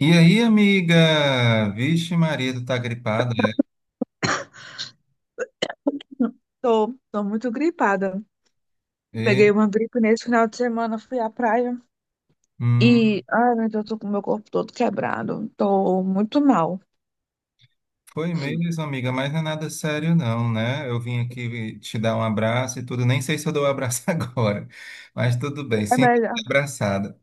E aí, amiga? Vixe, Maria, tu tá gripada, é? Tô muito gripada. E, Peguei uma gripe nesse final de semana, fui à praia e, hum, ai meu Deus, tô com o meu corpo todo quebrado. Tô muito mal. Foi mesmo, amiga, mas não é nada sério, não, né? Eu vim aqui te dar um abraço e tudo. Nem sei se eu dou um abraço agora, mas tudo bem, É sinto melhor, me abraçada.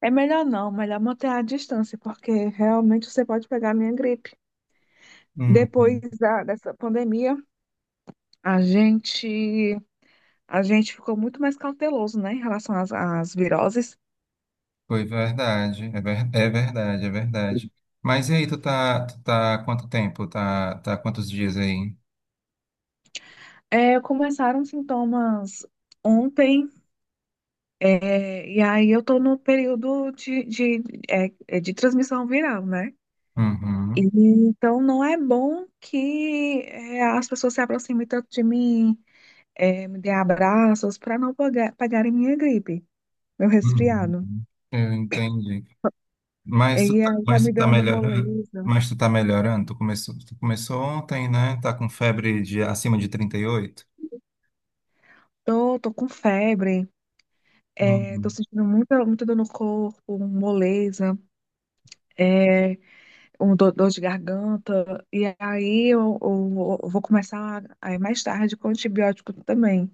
é melhor não, melhor manter a distância, porque realmente você pode pegar a minha gripe. Hum, Dessa pandemia, a gente, a gente ficou muito mais cauteloso, né, em relação às viroses. Foi verdade, é verdade, é verdade. Mas e aí, tu tá há quanto tempo? Tá há quantos dias aí? É, começaram sintomas ontem. É, e aí eu estou no período de, é, é de transmissão viral, né? E Uhum. então não é bom que as pessoas se aproximem tanto de mim, me dê abraços para não pagarem minha gripe, meu Uhum. resfriado. Uhum. Eu entendi. E Mas tu tá, aí tá mas me tu tá dando melhorando? moleza. Mas tu tá melhorando? Tu começou ontem, né? Tá com febre de acima de 38? Tô com febre, é, tô Uhum. sentindo muita dor no corpo, moleza. É, um do- dor de garganta, e aí eu vou começar aí mais tarde com antibiótico também.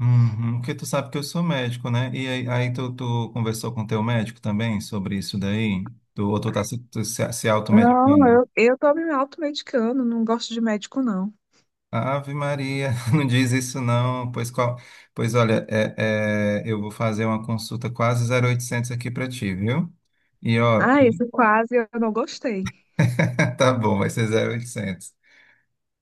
Uhum. Porque tu sabe que eu sou médico, né? E aí, tu conversou com teu médico também sobre isso daí? Tu, ou tu tá se, tu se, se Não, automedicando? Eu tô me automedicando, não gosto de médico, não. Ave Maria, não diz isso não. Pois olha, eu vou fazer uma consulta quase 0800 aqui pra ti, viu? E ó, Ah, esse quase eu não gostei. tá bom, vai ser 0800.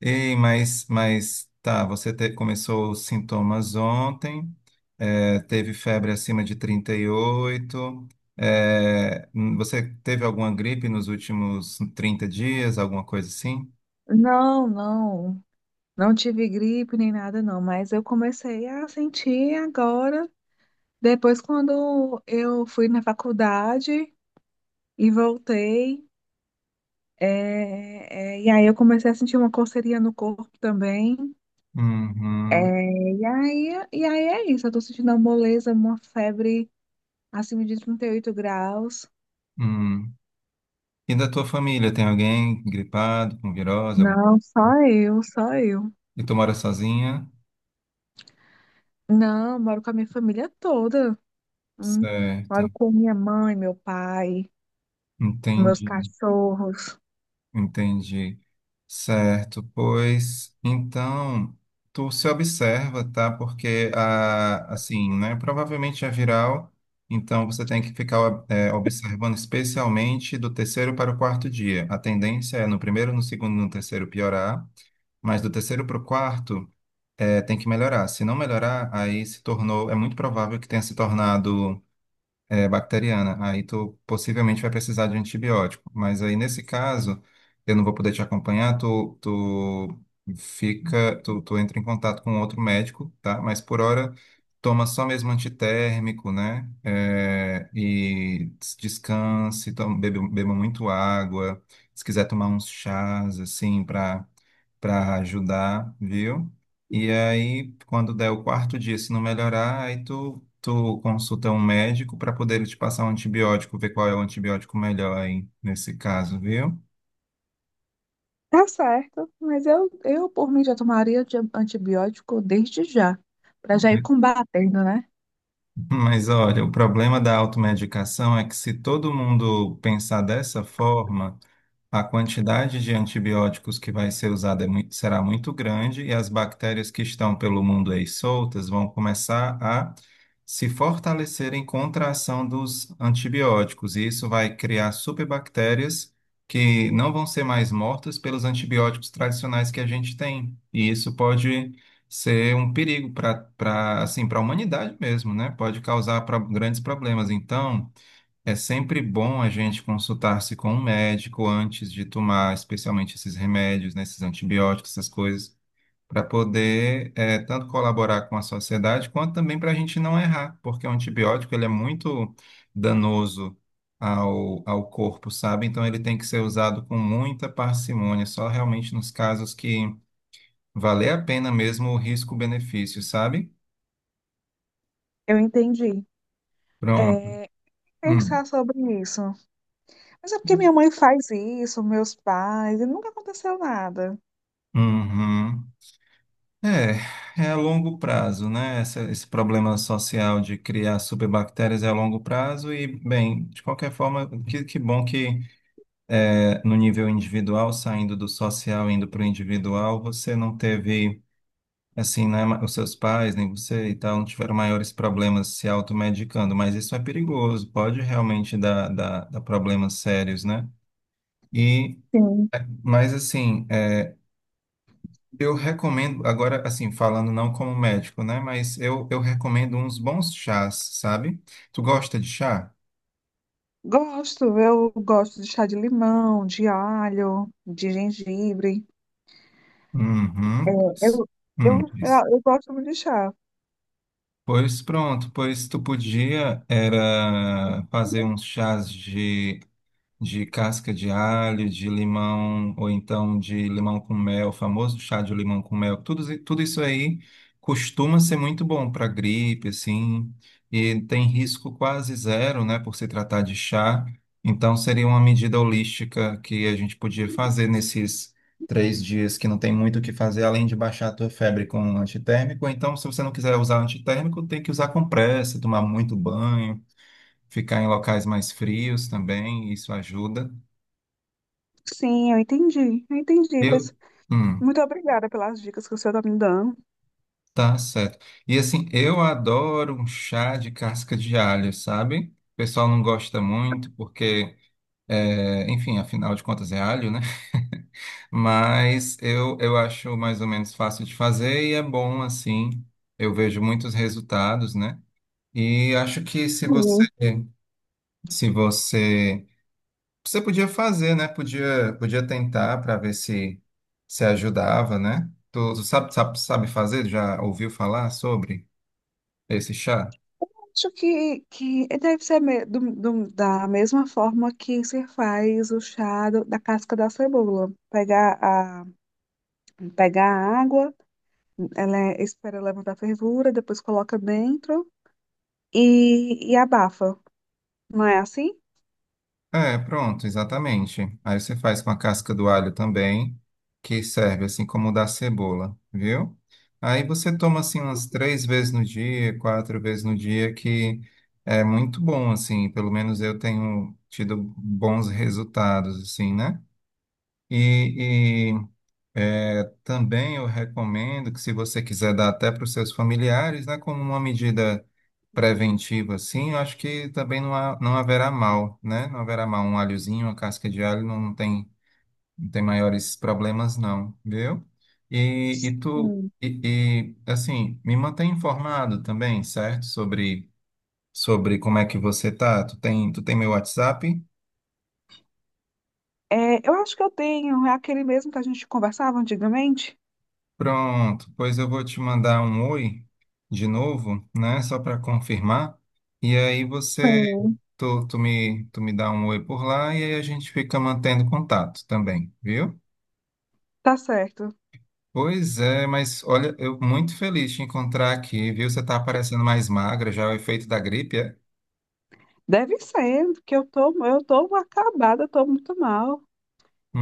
Ei, mas tá, começou os sintomas ontem, teve febre acima de 38, você teve alguma gripe nos últimos 30 dias, alguma coisa assim? Não, não, não tive gripe nem nada, não, mas eu comecei a sentir agora, depois quando eu fui na faculdade e voltei, e aí eu comecei a sentir uma coceirinha no corpo também. Uhum, É, e aí é isso, eu tô sentindo uma moleza, uma febre acima de 38 graus. hum. E da tua família, tem alguém gripado, com virose, alguma. Não, só eu, só eu. E tu mora sozinha? Não, moro com a minha família toda. Hum. Certo, Moro com minha mãe, meu pai, meus entendi. cachorros. Entendi. Certo, pois então tu se observa, tá? Porque assim, né? Provavelmente é viral, então você tem que ficar observando especialmente do terceiro para o quarto dia. A tendência é no primeiro, no segundo, no terceiro piorar, mas do terceiro para o quarto tem que melhorar. Se não melhorar, aí se tornou, é muito provável que tenha se tornado bacteriana. Aí tu possivelmente vai precisar de antibiótico. Mas aí nesse caso, eu não vou poder te acompanhar, tu fica, tu entra em contato com outro médico, tá? Mas por hora toma só mesmo antitérmico, né? E descanse, toma, beba muito água. Se quiser tomar uns chás, assim, para ajudar, viu? E aí, quando der o quarto dia, se não melhorar, aí tu consulta um médico para poder ele te passar um antibiótico, ver qual é o antibiótico melhor aí nesse caso, viu? Tá certo, mas eu por mim já tomaria antibiótico desde já, pra já ir combatendo, né? Mas olha, o problema da automedicação é que se todo mundo pensar dessa forma, a quantidade de antibióticos que vai ser usada será muito grande e as bactérias que estão pelo mundo aí soltas vão começar a se fortalecerem contra a ação dos antibióticos. E isso vai criar superbactérias que não vão ser mais mortas pelos antibióticos tradicionais que a gente tem. E isso pode ser um perigo para para a humanidade mesmo, né? Pode causar grandes problemas. Então, é sempre bom a gente consultar-se com um médico antes de tomar, especialmente esses remédios, né, esses antibióticos, essas coisas, para poder tanto colaborar com a sociedade quanto também para a gente não errar, porque o antibiótico ele é muito danoso ao corpo, sabe? Então ele tem que ser usado com muita parcimônia, só realmente nos casos que valer a pena mesmo o risco-benefício, sabe? Eu entendi. Pronto. É, Hum. pensar sobre isso. Mas é porque minha mãe faz isso, meus pais, e nunca aconteceu nada. Uhum. É a longo prazo, né? Esse problema social de criar superbactérias é a longo prazo e, bem, de qualquer forma, que bom que no nível individual, saindo do social, indo para o individual, você não teve, assim, né, os seus pais, nem você e tal, não tiveram maiores problemas se automedicando, mas isso é perigoso, pode realmente dar problemas sérios, né? E, Sim, mas assim. Eu recomendo, agora, assim, falando não como médico, né? Mas eu recomendo uns bons chás, sabe? Tu gosta de chá? gosto. Eu gosto de chá de limão, de alho, de gengibre. Uhum. Eu, Isso. eu gosto muito de chá. Pois pronto, pois tu podia era fazer uns chás de casca de alho, de limão, ou então de limão com mel, o famoso chá de limão com mel. Tudo isso aí costuma ser muito bom para gripe, assim, e tem risco quase zero, né, por se tratar de chá. Então, seria uma medida holística que a gente podia fazer nesses 3 dias que não tem muito o que fazer, além de baixar a tua febre com um antitérmico. Ou então, se você não quiser usar antitérmico, tem que usar compressa, tomar muito banho, ficar em locais mais frios também, isso ajuda. Sim, eu entendi, eu entendi. Eu, Pois hum, muito obrigada pelas dicas que o senhor está me dando. tá certo. E assim, eu adoro um chá de casca de alho, sabe? O pessoal não gosta muito porque, enfim, afinal de contas é alho, né? Mas eu acho mais ou menos fácil de fazer e é bom assim. Eu vejo muitos resultados, né? E acho que se você, Sim. se você Você podia fazer, né? Podia tentar para ver se ajudava, né? Tu sabe fazer? Já ouviu falar sobre esse chá? Acho que deve ser da mesma forma que se faz o chá da casca da cebola. Pegar a água, espera levantar a fervura, depois coloca dentro e abafa. Não é assim? É, pronto, exatamente. Aí você faz com a casca do alho também, que serve assim como o da cebola, viu? Aí você toma assim umas 3 vezes no dia, 4 vezes no dia, que é muito bom, assim. Pelo menos eu tenho tido bons resultados, assim, né? E, Também eu recomendo que, se você quiser dar até para os seus familiares, né, como uma medida preventiva, assim, eu acho que também não, não haverá mal, né? Não haverá mal. Um alhozinho, uma casca de alho não tem maiores problemas, não, viu? E, e tu, Sim. e, e, assim, me mantém informado também, certo? Sobre como é que você tá. Tu tem meu WhatsApp? É, eu acho que eu tenho, é aquele mesmo que a gente conversava antigamente. Pronto, pois eu vou te mandar um oi de novo, né? Só para confirmar. E aí você, Sim. tu, tu me dá um oi por lá e aí a gente fica mantendo contato também, viu? Tá certo. Pois é, mas olha, eu muito feliz de te encontrar aqui, viu? Você tá parecendo mais magra, já é o efeito da gripe, é? Deve ser, que eu tô acabada, eu tô muito mal.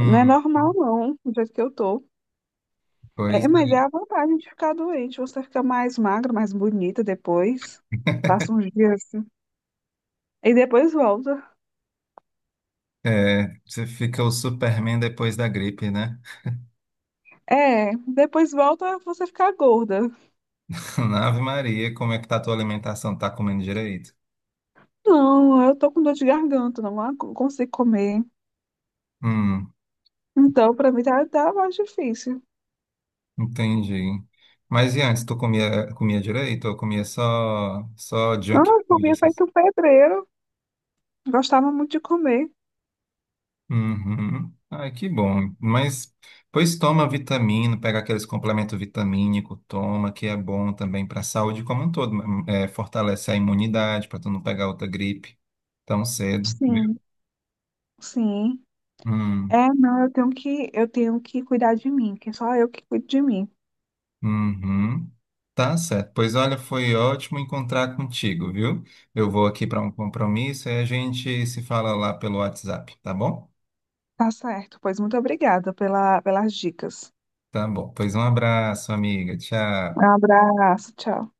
Não é normal, não, do jeito que eu tô. pois É, mas é é. a vantagem de ficar doente. Você fica mais magra, mais bonita depois. Passa uns dias assim. E depois volta. É, você fica o Superman depois da gripe, né? É, depois volta você ficar gorda. Ave Maria, como é que tá a tua alimentação? Tá comendo direito? Não, eu tô com dor de garganta, não consigo comer. Hum. Então, pra mim tá mais difícil. Entendi. Mas e antes, tu comia direito ou comia só Não, junk eu food? comia feito pedreiro. Gostava muito de comer. Uhum. Ai, que bom. Mas, pois toma vitamina, pega aqueles complementos vitamínico, toma, que é bom também para a saúde como um todo. Fortalece a imunidade para tu não pegar outra gripe tão cedo, Sim, viu? sim. Hum, É, não, eu tenho eu tenho que cuidar de mim, que é só eu que cuido de mim. uhum. Tá certo. Pois olha, foi ótimo encontrar contigo, viu? Eu vou aqui para um compromisso e a gente se fala lá pelo WhatsApp, tá bom? Tá certo, pois muito obrigada pelas dicas. Tá bom. Pois um abraço, amiga. Um Tchau. abraço, tchau.